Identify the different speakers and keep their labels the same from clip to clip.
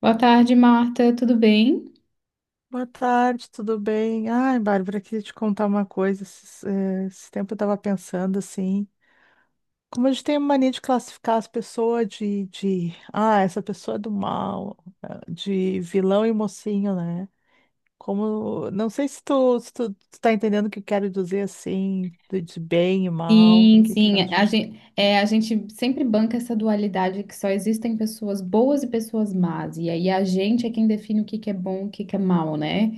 Speaker 1: Boa tarde, Marta. Tudo bem?
Speaker 2: Boa tarde, tudo bem? Ai, Bárbara, queria te contar uma coisa. Esse tempo eu estava pensando assim, como a gente tem a mania de classificar as pessoas de essa pessoa é do mal, ah, de vilão e mocinho, né? Como, não sei se tu, tu tá entendendo o que eu quero dizer assim, de bem e mal, o
Speaker 1: Sim,
Speaker 2: que que tu
Speaker 1: sim.
Speaker 2: acha?
Speaker 1: A gente sempre banca essa dualidade que só existem pessoas boas e pessoas más. E aí a gente é quem define o que que é bom e o que que é mal, né?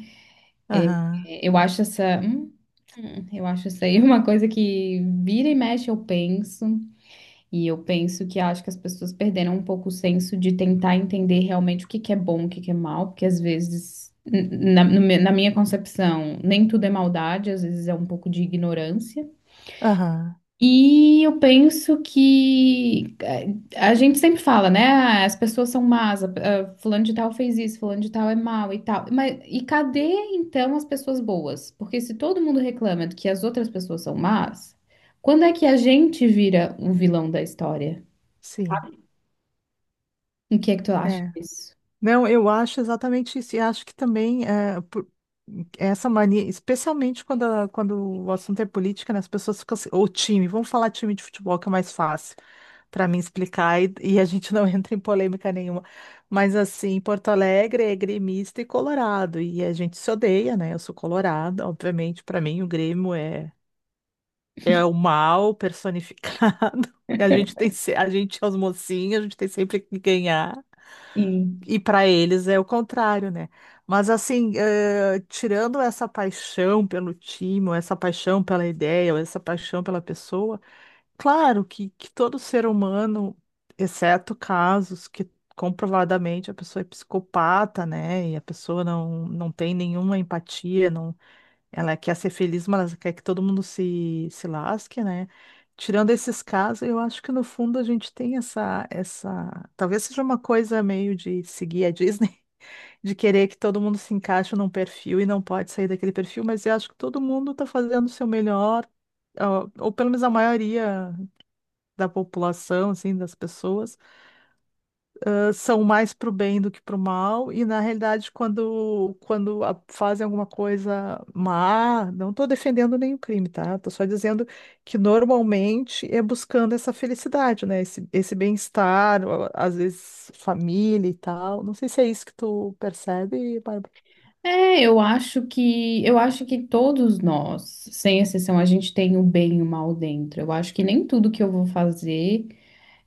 Speaker 2: Aham,
Speaker 1: Eu acho essa, eu acho isso aí uma coisa que vira e mexe eu penso. E eu penso que acho que as pessoas perderam um pouco o senso de tentar entender realmente o que que é bom, o que que é mal, porque às vezes, n- na, no me- na minha concepção, nem tudo é maldade, às vezes é um pouco de ignorância.
Speaker 2: aham,
Speaker 1: E eu penso que a gente sempre fala, né? "Ah, as pessoas são más, fulano de tal fez isso, fulano de tal é mal e tal." Mas e cadê então as pessoas boas? Porque se todo mundo reclama de que as outras pessoas são más, quando é que a gente vira o vilão da história?
Speaker 2: sim.
Speaker 1: O que é que tu acha
Speaker 2: É.
Speaker 1: disso?
Speaker 2: Não, eu acho exatamente isso. E acho que também essa mania, especialmente quando o assunto é política, né, as pessoas ficam assim, ou time, vamos falar time de futebol, que é mais fácil para mim explicar, e a gente não entra em polêmica nenhuma. Mas assim, Porto Alegre é gremista e colorado, e a gente se odeia, né? Eu sou colorada, obviamente, para mim o Grêmio é, é o mal personificado. A gente tem, a gente é os mocinhos, a gente tem sempre que ganhar.
Speaker 1: Sim.
Speaker 2: E para eles é o contrário, né? Mas assim, tirando essa paixão pelo time, ou essa paixão pela ideia, ou essa paixão pela pessoa, claro que todo ser humano, exceto casos que comprovadamente a pessoa é psicopata, né? E a pessoa não tem nenhuma empatia, não, ela quer ser feliz, mas ela quer que todo mundo se lasque, né? Tirando esses casos, eu acho que no fundo a gente tem essa. Talvez seja uma coisa meio de seguir a Disney, de querer que todo mundo se encaixe num perfil e não pode sair daquele perfil, mas eu acho que todo mundo está fazendo o seu melhor, ó, ou pelo menos a maioria da população, assim, das pessoas são mais para o bem do que para o mal, e na realidade, quando fazem alguma coisa má, não estou defendendo nenhum crime, tá? Estou só dizendo que normalmente é buscando essa felicidade, né? Esse bem-estar, ó, às vezes família e tal. Não sei se é isso que tu percebe, Bárbara.
Speaker 1: É, eu acho que todos nós, sem exceção, a gente tem o bem e o mal dentro. Eu acho que nem tudo que eu vou fazer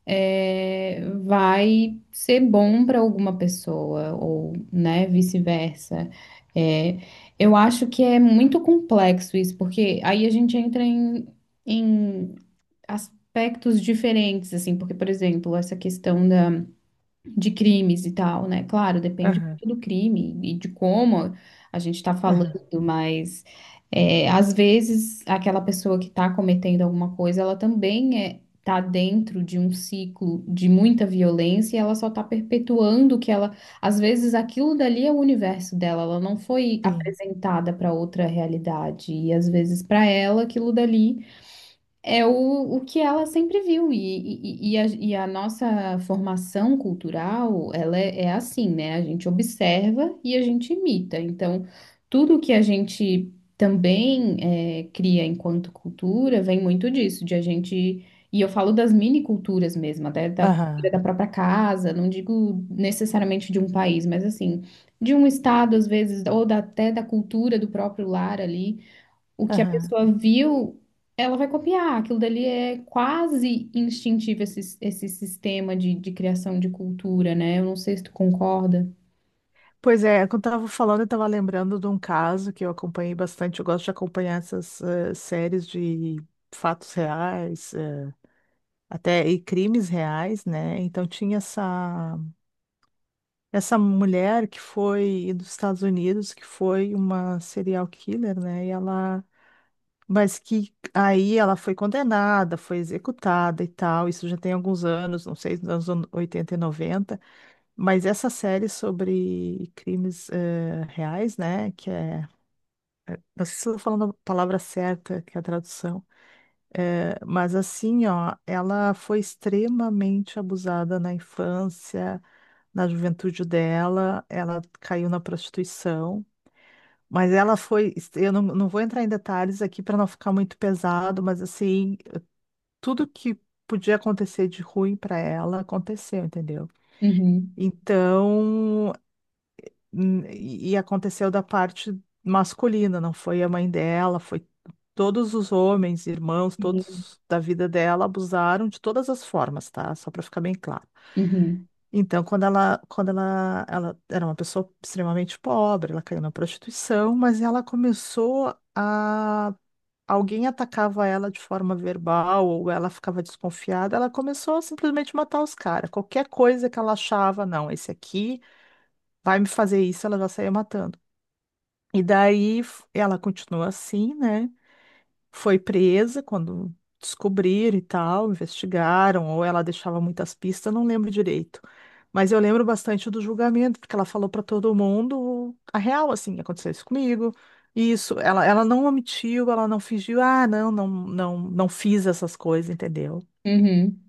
Speaker 1: vai ser bom para alguma pessoa ou, né, vice-versa. É, eu acho que é muito complexo isso, porque aí a gente entra em aspectos diferentes, assim, porque, por exemplo, essa questão da de crimes e tal, né? Claro, depende
Speaker 2: Aham,
Speaker 1: muito do crime e de como a gente está
Speaker 2: aham,
Speaker 1: falando, mas é, às vezes aquela pessoa que está cometendo alguma coisa, ela também tá dentro de um ciclo de muita violência e ela só está perpetuando que ela, às vezes aquilo dali é o universo dela, ela não foi
Speaker 2: sim.
Speaker 1: apresentada para outra realidade e às vezes para ela aquilo dali é o que ela sempre viu, e a nossa formação cultural, ela é assim, né? A gente observa e a gente imita. Então, tudo que a gente também cria enquanto cultura vem muito disso, de a gente. E eu falo das mini culturas mesmo, até da cultura
Speaker 2: Aham,
Speaker 1: da própria casa, não digo necessariamente de um país, mas assim, de um estado, às vezes, ou até da cultura do próprio lar ali o que a
Speaker 2: aham.
Speaker 1: pessoa viu, ela vai copiar. Aquilo dali é quase instintivo, esse sistema de criação de cultura, né? Eu não sei se tu concorda.
Speaker 2: Pois é, quando eu tava falando, eu tava lembrando de um caso que eu acompanhei bastante. Eu gosto de acompanhar essas séries de fatos reais, até e crimes reais, né? Então tinha essa mulher que foi dos Estados Unidos, que foi uma serial killer, né? E ela mas que aí ela foi condenada, foi executada e tal. Isso já tem alguns anos, não sei, nos anos 80 e noventa. Mas essa série sobre crimes reais, né, que é... Não sei se estou falando a palavra certa, que é a tradução, é, mas assim, ó, ela foi extremamente abusada na infância, na juventude dela, ela caiu na prostituição, mas ela foi, eu não vou entrar em detalhes aqui para não ficar muito pesado, mas assim, tudo que podia acontecer de ruim para ela aconteceu, entendeu?
Speaker 1: Uhum.
Speaker 2: Então, hum, e aconteceu da parte masculina, não foi a mãe dela, foi todos os homens, irmãos,
Speaker 1: Sim.
Speaker 2: todos da vida dela abusaram de todas as formas, tá? Só para ficar bem claro.
Speaker 1: Uhum.
Speaker 2: Então, ela era uma pessoa extremamente pobre, ela caiu na prostituição, mas ela começou a... Alguém atacava ela de forma verbal ou ela ficava desconfiada, ela começou a simplesmente matar os caras. Qualquer coisa que ela achava, não, esse aqui vai me fazer isso, ela já saía matando. E daí ela continuou assim, né? Foi presa quando descobriram e tal, investigaram, ou ela deixava muitas pistas, não lembro direito. Mas eu lembro bastante do julgamento, porque ela falou para todo mundo a real, assim, aconteceu isso comigo. Isso, ela não omitiu, ela não fingiu, ah, não, não fiz essas coisas, entendeu?
Speaker 1: Uhum.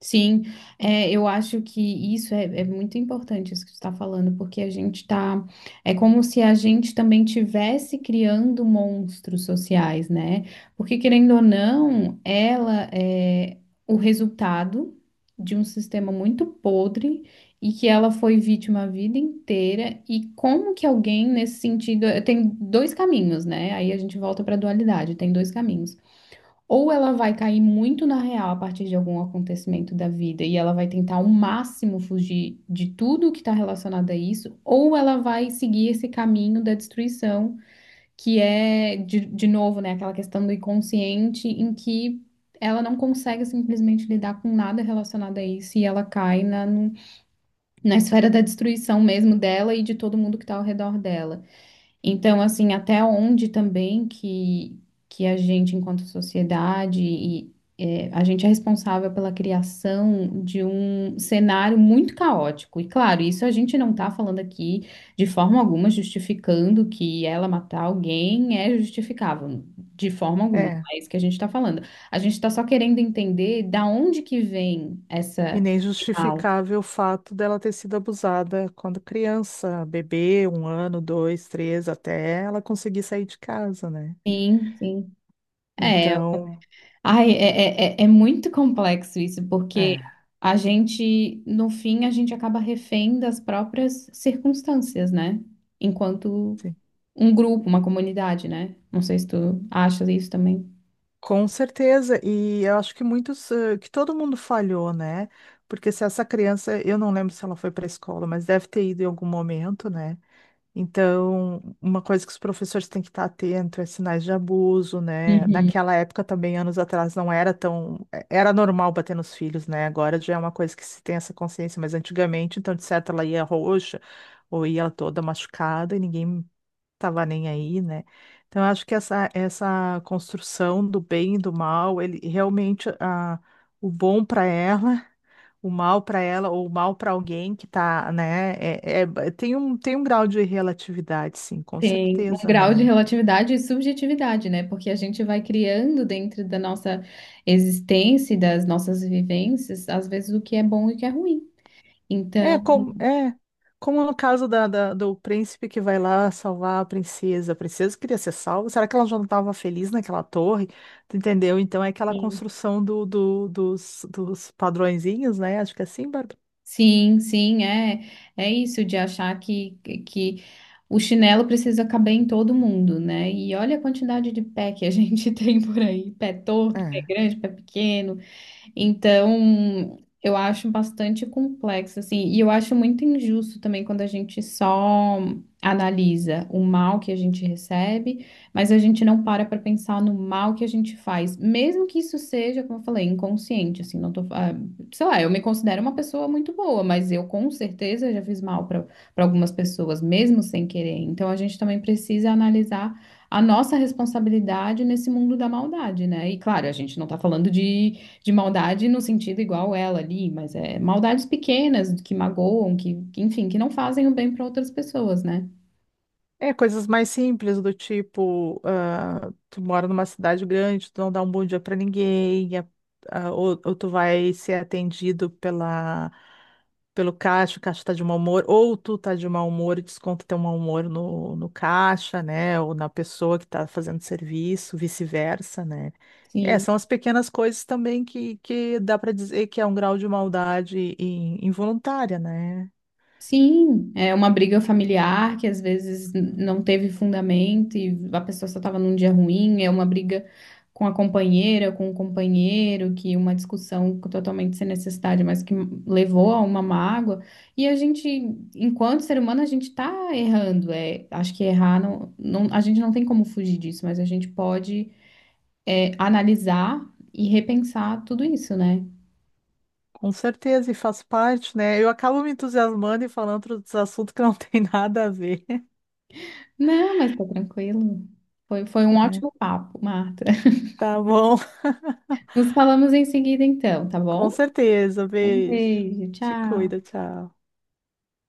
Speaker 1: Sim, é, eu acho que isso é muito importante, isso que você está falando, porque a gente está. É como se a gente também tivesse criando monstros sociais, né? Porque, querendo ou não, ela é o resultado de um sistema muito podre e que ela foi vítima a vida inteira. E como que alguém, nesse sentido, tem dois caminhos, né? Aí a gente volta para a dualidade, tem dois caminhos. Ou ela vai cair muito na real a partir de algum acontecimento da vida e ela vai tentar ao máximo fugir de tudo que está relacionado a isso, ou ela vai seguir esse caminho da destruição, que é, de novo, né, aquela questão do inconsciente em que ela não consegue simplesmente lidar com nada relacionado a isso e ela cai na, no- na esfera da destruição mesmo dela e de todo mundo que está ao redor dela. Então, assim, até onde também que a gente, enquanto sociedade, a gente é responsável pela criação de um cenário muito caótico. E, claro, isso a gente não está falando aqui de forma alguma justificando que ela matar alguém é justificável, de forma alguma.
Speaker 2: É.
Speaker 1: Não é isso que a gente está falando. A gente está só querendo entender da onde que vem
Speaker 2: E
Speaker 1: essa,
Speaker 2: nem
Speaker 1: esse mal.
Speaker 2: justificável o fato dela ter sido abusada quando criança, bebê, um ano, dois, três, até ela conseguir sair de casa, né?
Speaker 1: Sim, sim. É,
Speaker 2: Então,
Speaker 1: ai, é muito complexo isso, porque
Speaker 2: é,
Speaker 1: a gente, no fim, a gente acaba refém das próprias circunstâncias, né? Enquanto
Speaker 2: sim.
Speaker 1: um grupo, uma comunidade, né? Não sei se tu achas isso também.
Speaker 2: Com certeza. E eu acho que muitos, que todo mundo falhou, né? Porque se essa criança, eu não lembro se ela foi para a escola, mas deve ter ido em algum momento, né? Então, uma coisa que os professores têm que estar atento é sinais de abuso, né?
Speaker 1: Uhum.
Speaker 2: Naquela época também, anos atrás, não era tão... é, era normal bater nos filhos, né? Agora já é uma coisa que se tem essa consciência, mas antigamente, então, de certo, ela ia roxa ou ia toda machucada e ninguém tava nem aí, né? Então, eu acho que essa construção do bem e do mal, ele realmente... A, o bom para ela, o mal para ela ou o mal para alguém que tá, né? É, tem um grau de relatividade, sim, com
Speaker 1: Tem um
Speaker 2: certeza,
Speaker 1: grau de
Speaker 2: né?
Speaker 1: relatividade e subjetividade, né? Porque a gente vai criando dentro da nossa existência e das nossas vivências, às vezes, o que é bom e o que é ruim.
Speaker 2: É
Speaker 1: Então,
Speaker 2: como, é, como no caso da, da- do príncipe que vai lá salvar a princesa. A princesa queria ser salva. Será que ela já não estava feliz naquela torre? Tu entendeu? Então é aquela
Speaker 1: sim,
Speaker 2: construção dos dos padrõezinhos, né? Acho que é assim, Bárbara.
Speaker 1: sim, é, é isso de achar que o chinelo precisa caber em todo mundo, né? E olha a quantidade de pé que a gente tem por aí, pé torto, pé
Speaker 2: É.
Speaker 1: grande, pé pequeno. Então, eu acho bastante complexo, assim, e eu acho muito injusto também quando a gente só analisa o mal que a gente recebe, mas a gente não para para pensar no mal que a gente faz, mesmo que isso seja, como eu falei, inconsciente, assim, não tô, ah, sei lá, eu me considero uma pessoa muito boa, mas eu com certeza já fiz mal para algumas pessoas, mesmo sem querer. Então, a gente também precisa analisar a nossa responsabilidade nesse mundo da maldade, né? E claro, a gente não tá falando de maldade no sentido igual ela ali, mas é maldades pequenas que magoam, enfim, que não fazem o bem para outras pessoas, né?
Speaker 2: É, coisas mais simples do tipo, ah, tu mora numa cidade grande, tu não dá um bom dia pra ninguém, ou tu vai ser atendido pela, pelo caixa, o caixa tá de mau humor, ou tu tá de mau humor e desconta teu mau humor no caixa, né, ou na pessoa que tá fazendo serviço, vice-versa, né. É,
Speaker 1: Sim.
Speaker 2: são as pequenas coisas também que dá pra dizer que é um grau de maldade involuntária, né.
Speaker 1: Sim, é uma briga familiar que às vezes não teve fundamento e a pessoa só estava num dia ruim, é uma briga com a companheira, com o companheiro, que uma discussão totalmente sem necessidade, mas que levou a uma mágoa. E a gente, enquanto ser humano, a gente está errando. É, acho que errar a gente não tem como fugir disso, mas a gente pode analisar e repensar tudo isso, né?
Speaker 2: Com certeza, e faz parte, né? Eu acabo me entusiasmando e falando outros assuntos que não tem nada a ver.
Speaker 1: Não, mas tá tranquilo. Foi um
Speaker 2: É.
Speaker 1: ótimo papo, Marta.
Speaker 2: Tá bom?
Speaker 1: Nos falamos em seguida, então, tá
Speaker 2: Com
Speaker 1: bom?
Speaker 2: certeza.
Speaker 1: Um
Speaker 2: Beijo.
Speaker 1: beijo,
Speaker 2: Te
Speaker 1: tchau.
Speaker 2: cuida, tchau.